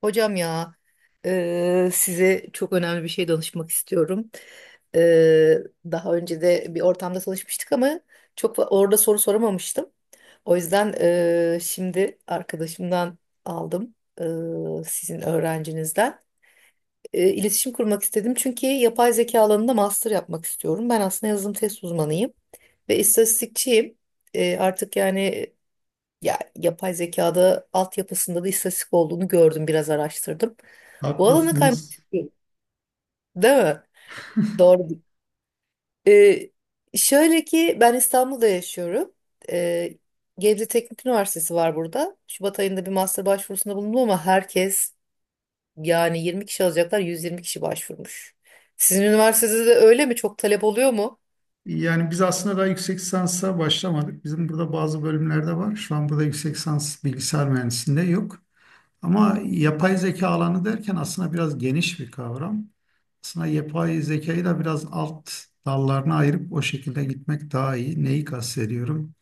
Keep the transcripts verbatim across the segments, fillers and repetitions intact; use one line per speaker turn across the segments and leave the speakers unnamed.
Hocam ya eee, size çok önemli bir şey danışmak istiyorum. Eee, Daha önce de bir ortamda çalışmıştık ama çok fa- orada soru soramamıştım. O yüzden eee, şimdi arkadaşımdan aldım eee, sizin öğrencinizden. Eee, iletişim kurmak istedim çünkü yapay zeka alanında master yapmak istiyorum. Ben aslında yazılım test uzmanıyım ve istatistikçiyim. Eee, artık yani ya yapay zekada altyapısında da istatistik olduğunu gördüm, biraz araştırdım. Bu alana kaymış
Haklısınız.
değil değil mi? Doğru. Ee, Şöyle ki ben İstanbul'da yaşıyorum. Ee, Gebze Teknik Üniversitesi var burada. Şubat ayında bir master başvurusunda bulundum ama herkes yani yirmi kişi alacaklar, yüz yirmi kişi başvurmuş. Sizin üniversitede de öyle mi? Çok talep oluyor mu?
Yani biz aslında daha yüksek lisansa başlamadık. Bizim burada bazı bölümlerde var. Şu an burada yüksek lisans bilgisayar mühendisliğinde yok. Ama yapay zeka alanı derken aslında biraz geniş bir kavram. Aslında yapay zekayı da biraz alt dallarına ayırıp o şekilde gitmek daha iyi. Neyi kastediyorum?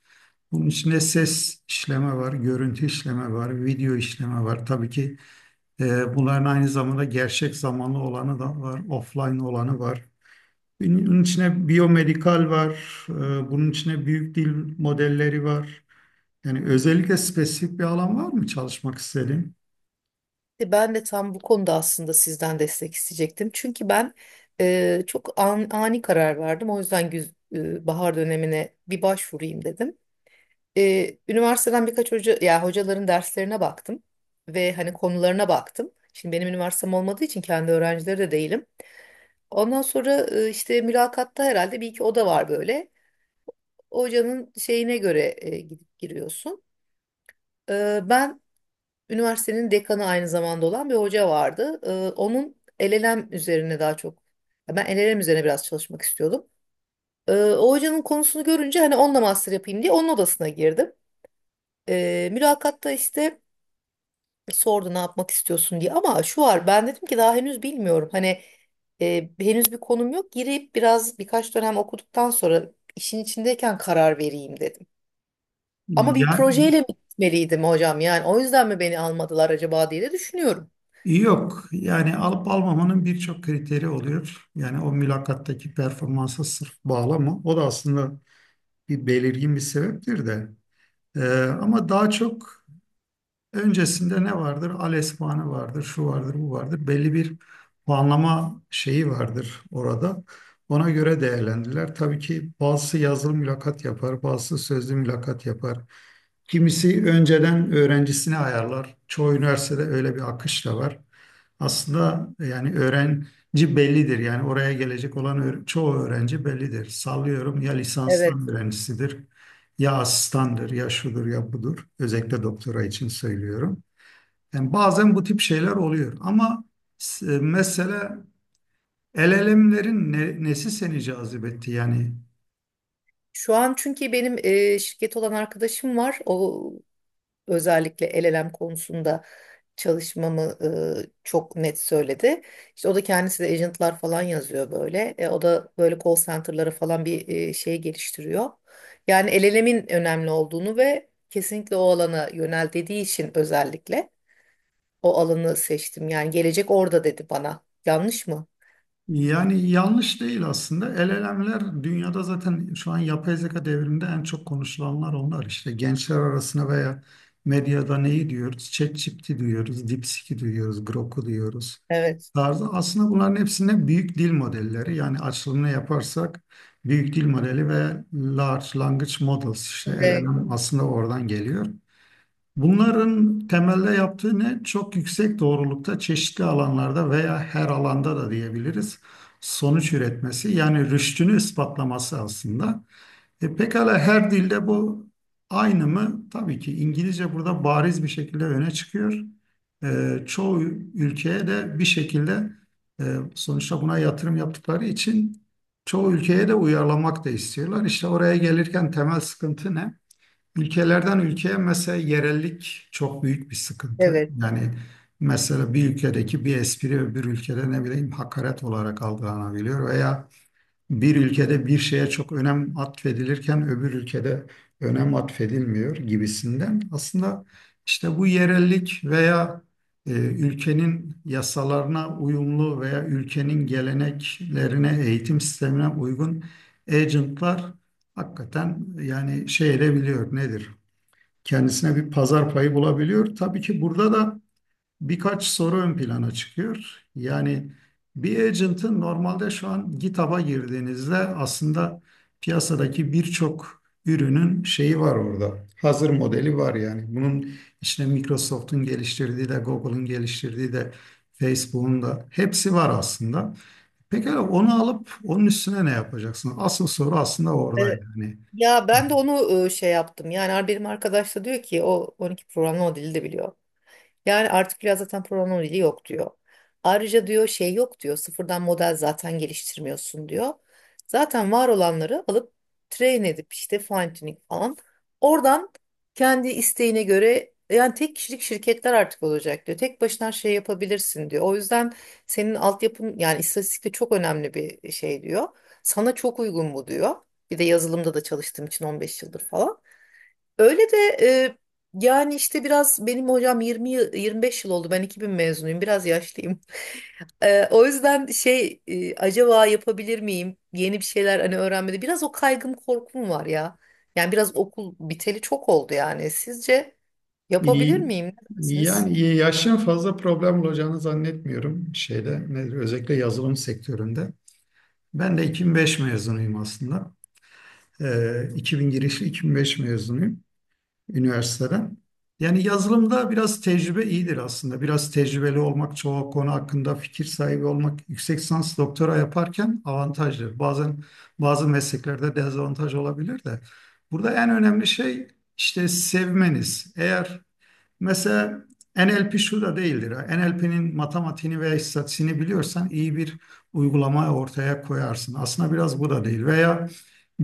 Bunun içinde ses işleme var, görüntü işleme var, video işleme var. Tabii ki e, bunların aynı zamanda gerçek zamanlı olanı da var, offline olanı var. Bunun içine biyomedikal var, e, bunun içine büyük dil modelleri var. Yani özellikle spesifik bir alan var mı çalışmak istediğin?
De Ben de tam bu konuda aslında sizden destek isteyecektim. Çünkü ben e, çok an- ani karar verdim. O yüzden güz- e, bahar dönemine bir başvurayım dedim. E, üniversiteden birkaç hoca, ya hocaların derslerine baktım ve hani konularına baktım. Şimdi benim üniversitem olmadığı için kendi öğrencileri de değilim. Ondan sonra e, işte mülakatta herhalde bir iki oda var böyle. Hocanın şeyine göre e, gidip giriyorsun. E, ben Üniversitenin dekanı aynı zamanda olan bir hoca vardı. Ee, onun L L M üzerine daha çok, ya ben L L M üzerine biraz çalışmak istiyordum. Ee, o hocanın konusunu görünce hani onunla master yapayım diye onun odasına girdim. Ee, mülakatta işte sordu ne yapmak istiyorsun diye ama şu var ben dedim ki daha henüz bilmiyorum. Hani e, henüz bir konum yok girip biraz birkaç dönem okuduktan sonra işin içindeyken karar vereyim dedim. Ama bir
Ya,
projeyle mi gitmeliydim hocam yani o yüzden mi beni almadılar acaba diye de düşünüyorum.
yok. Yani alıp almamanın birçok kriteri oluyor. Yani o mülakattaki performansa sırf bağlama. O da aslında bir belirgin bir sebeptir de. Ee, ama daha çok öncesinde ne vardır? Al puanı vardır, şu vardır, bu vardır. Belli bir puanlama şeyi vardır orada. Ona göre değerlendiler. Tabii ki bazısı yazılı mülakat yapar, bazısı sözlü mülakat yapar. Kimisi önceden öğrencisini ayarlar. Çoğu üniversitede öyle bir akış da var. Aslında yani öğrenci bellidir. Yani oraya gelecek olan öğ- çoğu öğrenci bellidir. Sallıyorum ya
Evet.
lisanstan öğrencisidir ya asistandır, ya şudur, ya budur. Özellikle doktora için söylüyorum. Yani bazen bu tip şeyler oluyor ama s- mesela L L M'lerin ne- nesi seni cazip etti yani?
Şu an çünkü benim e, şirket olan arkadaşım var. O özellikle L L M konusunda çalışmamı e, çok net söyledi. İşte o da kendisi de agentlar falan yazıyor böyle. E, o da böyle call center'lara falan bir e, şey geliştiriyor. Yani L L M'in önemli olduğunu ve kesinlikle o alana yönel dediği için özellikle o alanı seçtim. Yani gelecek orada dedi bana. Yanlış mı?
Yani yanlış değil aslında. el elemler dünyada zaten şu an yapay zeka devriminde en çok konuşulanlar onlar. İşte gençler arasında veya medyada neyi diyoruz? ChatGPT diyoruz, DeepSeek'i diyoruz, Grok'u diyoruz
Evet.
tarzı. Aslında bunların hepsinde büyük dil modelleri, yani açılımını yaparsak büyük dil modeli ve large language models, işte
De-
L L M aslında oradan geliyor. Bunların temelde yaptığı ne? Çok yüksek doğrulukta çeşitli alanlarda veya her alanda da diyebiliriz sonuç üretmesi, yani rüştünü ispatlaması aslında. E, pekala her dilde bu aynı mı? Tabii ki İngilizce burada bariz bir şekilde öne çıkıyor. E, çoğu ülkeye de bir şekilde, e, sonuçta buna yatırım yaptıkları için çoğu ülkeye de uyarlamak da istiyorlar. İşte oraya gelirken temel sıkıntı ne? Ülkelerden ülkeye mesela yerellik çok büyük bir sıkıntı.
Evet.
Yani mesela bir ülkedeki bir espri öbür ülkede ne bileyim hakaret olarak algılanabiliyor veya bir ülkede bir şeye çok önem atfedilirken öbür ülkede önem atfedilmiyor gibisinden. Aslında işte bu yerellik veya e, ülkenin yasalarına uyumlu veya ülkenin geleneklerine, eğitim sistemine uygun agentlar hakikaten yani şey edebiliyor, nedir? Kendisine bir pazar payı bulabiliyor. Tabii ki burada da birkaç soru ön plana çıkıyor. Yani bir agent'ın normalde şu an GitHub'a girdiğinizde aslında piyasadaki birçok ürünün şeyi var orada. Hazır modeli var yani. Bunun işte Microsoft'un geliştirdiği de, Google'ın geliştirdiği de, Facebook'un da hepsi var aslında. Pekala onu alıp onun üstüne ne yapacaksın? Asıl soru aslında oradaydı. Hani
Ya ben de onu e, şey yaptım. Yani ar- benim arkadaş da diyor ki o on iki programlama dili de biliyor. Yani artık biraz zaten programlama dili yok diyor. Ayrıca diyor şey yok diyor. Sıfırdan model zaten geliştirmiyorsun diyor. Zaten var olanları alıp train edip işte fine tuning falan. Oradan kendi isteğine göre yani tek kişilik şirketler artık olacak diyor. Tek başına şey yapabilirsin diyor. O yüzden senin altyapın yani istatistik de çok önemli bir şey diyor. Sana çok uygun bu diyor. Bir de yazılımda da çalıştığım için on beş yıldır falan. Öyle de e, yani işte biraz benim hocam 20 yıl- yirmi beş yıl oldu. Ben iki bin mezunuyum. Biraz yaşlıyım. E, o yüzden şey e, acaba yapabilir miyim? Yeni bir şeyler hani öğrenmede biraz o kaygım korkum var ya. Yani biraz okul biteli çok oldu yani. Sizce yapabilir
İyi,
miyim? Ne dersiniz?
yani yaşın fazla problem olacağını zannetmiyorum şeyde, nedir, özellikle yazılım sektöründe. Ben de iki bin beş mezunuyum aslında. Ee, iki bin girişli iki bin beş mezunuyum üniversiteden. Yani yazılımda biraz tecrübe iyidir aslında. Biraz tecrübeli olmak, çoğu konu hakkında fikir sahibi olmak yüksek lisans doktora yaparken avantajdır. Bazen bazı mesleklerde dezavantaj olabilir de. Burada en önemli şey işte sevmeniz. Eğer Mesela N L P şu da değildir. N L P'nin matematiğini veya istatistiğini biliyorsan iyi bir uygulama ortaya koyarsın. Aslında biraz bu da değil. Veya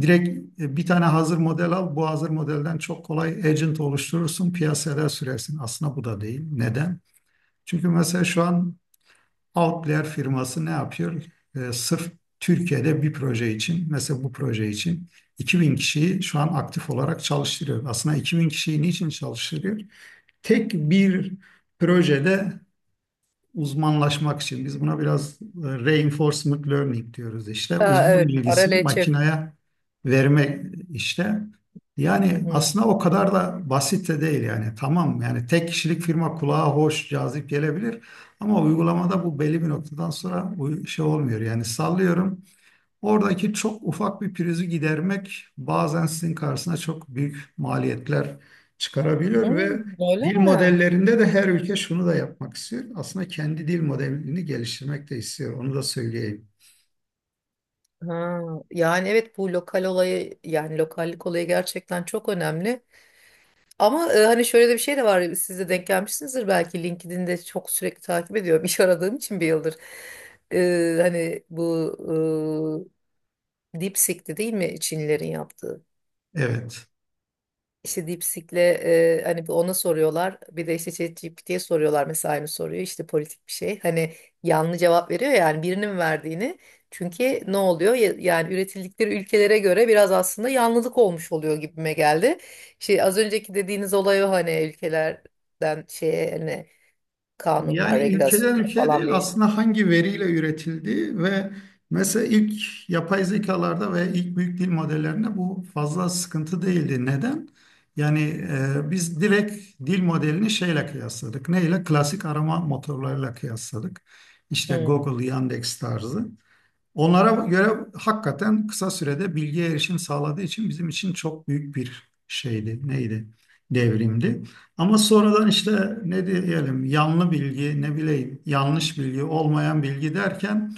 direkt e, bir tane hazır model al. Bu hazır modelden çok kolay agent oluşturursun, piyasaya sürersin. Aslında bu da değil. Neden? Çünkü mesela şu an Outlier firması ne yapıyor? E, sırf Türkiye'de bir proje için, mesela bu proje için iki bin kişiyi şu an aktif olarak çalıştırıyor. Aslında iki bin kişiyi niçin çalıştırıyor? Tek bir projede uzmanlaşmak için biz buna biraz e, reinforcement learning diyoruz işte.
Aa,
Uzman
evet. Ara
bilgisini
L Ç F.
makineye verme işte.
Hı
Yani
hı.
aslında o kadar da basit de değil yani. Tamam, yani tek kişilik firma kulağa hoş, cazip gelebilir ama uygulamada bu belli bir noktadan sonra uy- şey olmuyor. Yani sallıyorum, oradaki çok ufak bir prizi gidermek bazen sizin karşısına çok büyük maliyetler
Hı,
çıkarabiliyor ve
Öyle
dil
mi?
modellerinde de her ülke şunu da yapmak istiyor. Aslında kendi dil modelini geliştirmek de istiyor. Onu da söyleyeyim.
Ha, yani evet bu lokal olayı yani lokallik olayı gerçekten çok önemli. Ama e, hani şöyle de bir şey de var. Siz de denk gelmişsinizdir belki. LinkedIn'de çok sürekli takip ediyorum. İş aradığım için bir yıldır. E, hani bu e, DeepSeek'ti değil mi Çinlilerin yaptığı?
Evet.
İşte DeepSeek'le e, hani bir ona soruyorlar. Bir de işte ChatGPT'ye soruyorlar mesela aynı soruyu. İşte politik bir şey. Hani yanlış cevap veriyor ya, yani birinin verdiğini. Çünkü ne oluyor? Ya- Yani üretildikleri ülkelere göre biraz aslında yanlılık olmuş oluyor gibime geldi. Şey az önceki dediğiniz olay o hani ülkelerden şeye hani kanunlar,
Yani ülkeden
regülasyonlar
ülkeye değil
falan bir.
aslında, hangi veriyle üretildiği ve mesela ilk yapay zekalarda ve ilk büyük dil modellerinde bu fazla sıkıntı değildi. Neden? Yani e, biz direkt dil modelini şeyle kıyasladık. Neyle? Klasik arama motorlarıyla kıyasladık. İşte
Hmm.
Google, Yandex tarzı. Onlara göre hakikaten kısa sürede bilgiye erişim sağladığı için bizim için çok büyük bir şeydi. Neydi? Devrimdi. Ama sonradan işte ne diyelim, yanlı bilgi, ne bileyim yanlış bilgi, olmayan bilgi derken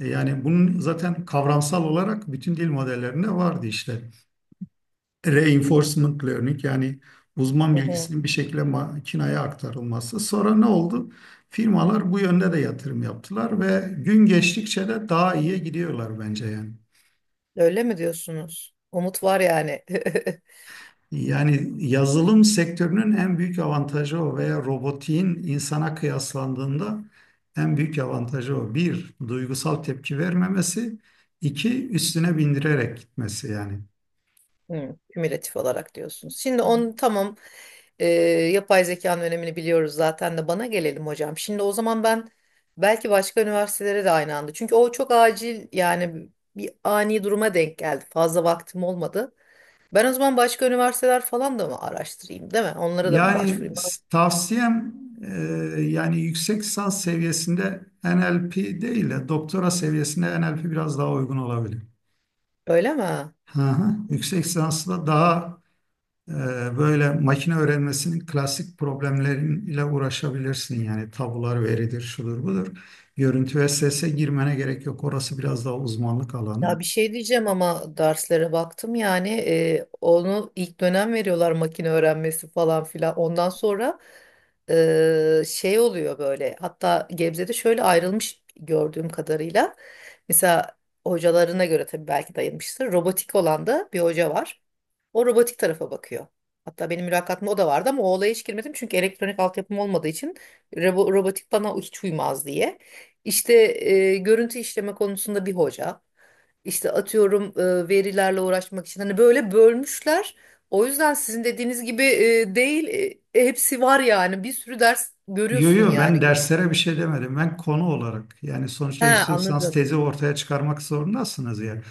e, yani bunun zaten kavramsal olarak bütün dil modellerinde vardı işte. Reinforcement learning, yani uzman
Hı hı.
bilgisinin bir şekilde makineye aktarılması. Sonra ne oldu? Firmalar bu yönde de yatırım yaptılar ve gün geçtikçe de daha iyiye gidiyorlar bence yani.
Öyle mi diyorsunuz? Umut var yani.
Yani yazılım sektörünün en büyük avantajı o veya robotiğin insana kıyaslandığında en büyük avantajı o. Bir, duygusal tepki vermemesi. İki üstüne bindirerek gitmesi yani.
Hı, kümülatif olarak diyorsunuz. Şimdi onu tamam e, yapay zekanın önemini biliyoruz zaten de bana gelelim hocam. Şimdi o zaman ben belki başka üniversitelere de aynı anda. Çünkü o çok acil yani bir ani duruma denk geldi. Fazla vaktim olmadı. Ben o zaman başka üniversiteler falan da mı araştırayım değil mi? Onlara da mı başvurayım?
Yani s- tavsiyem e, yani yüksek lisans seviyesinde N L P değil de doktora seviyesinde N L P biraz daha uygun olabilir.
Öyle mi?
Hı hı. Yüksek lisansla daha e, böyle makine öğrenmesinin klasik problemleriyle uğraşabilirsin. Yani tabular veridir, şudur budur. Görüntü ve sese girmene gerek yok. Orası biraz daha uzmanlık alanı.
Ya bir şey diyeceğim ama derslere baktım yani e, onu ilk dönem veriyorlar makine öğrenmesi falan filan. Ondan sonra e, şey oluyor böyle hatta Gebze'de şöyle ayrılmış gördüğüm kadarıyla. Mesela hocalarına göre tabii belki dayanmıştır. Robotik olan da bir hoca var. O robotik tarafa bakıyor. Hatta benim mülakatımda o da vardı ama o olaya hiç girmedim. Çünkü elektronik altyapım olmadığı için robo- robotik bana hiç uymaz diye. İşte e, görüntü işleme konusunda bir hoca. İşte atıyorum e, verilerle uğraşmak için hani böyle bölmüşler. O yüzden sizin dediğiniz gibi e, değil e, hepsi var yani bir sürü ders
Yo
görüyorsun
yo, ben
yani.
derslere bir şey demedim. Ben konu olarak, yani
He
sonuçta yüksek lisans
anladım.
tezi ortaya çıkarmak zorundasınız ya.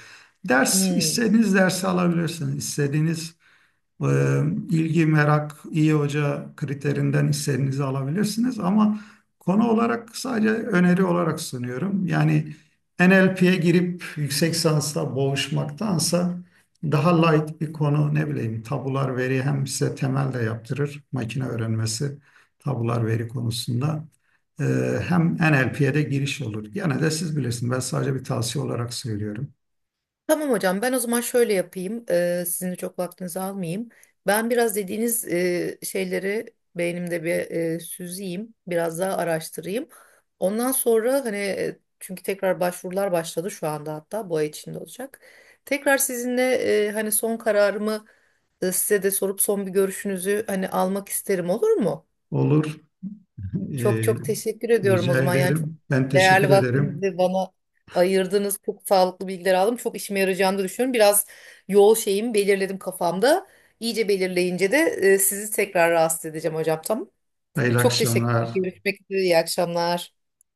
Ders
Hmm.
istediğiniz dersi alabilirsiniz. İstediğiniz ee, ilgi, merak, iyi hoca kriterinden hissenizi alabilirsiniz ama konu olarak sadece öneri olarak sunuyorum. Yani N L P'ye girip yüksek lisansla boğuşmaktansa daha light bir konu, ne bileyim tabular veri, hem size temel de yaptırır makine öğrenmesi tabular veri konusunda. Ee, hem N L P'ye de giriş olur. Gene de siz bilirsiniz, ben sadece bir tavsiye olarak söylüyorum.
Tamam hocam ben o zaman şöyle yapayım E, Sizin de çok vaktinizi almayayım. Ben biraz dediğiniz e, şeyleri beynimde bir e, süzeyim biraz daha araştırayım. Ondan sonra hani e, çünkü tekrar başvurular başladı şu anda hatta bu ay içinde olacak. Tekrar sizinle e, hani son kararımı e, size de sorup son bir görüşünüzü hani almak isterim olur mu?
Olur.
Çok
Ee,
çok teşekkür ediyorum o
rica
zaman. Yani çok
ederim. Ben teşekkür
değerli
ederim.
vaktinizi bana ayırdınız. Çok sağlıklı bilgiler aldım. Çok işime yarayacağını da düşünüyorum. Biraz yol şeyimi belirledim kafamda. İyice belirleyince de e, sizi tekrar rahatsız edeceğim hocam. Tamam.
Hayırlı
Çok
akşamlar.
teşekkürler. Görüşmek üzere. İyi akşamlar.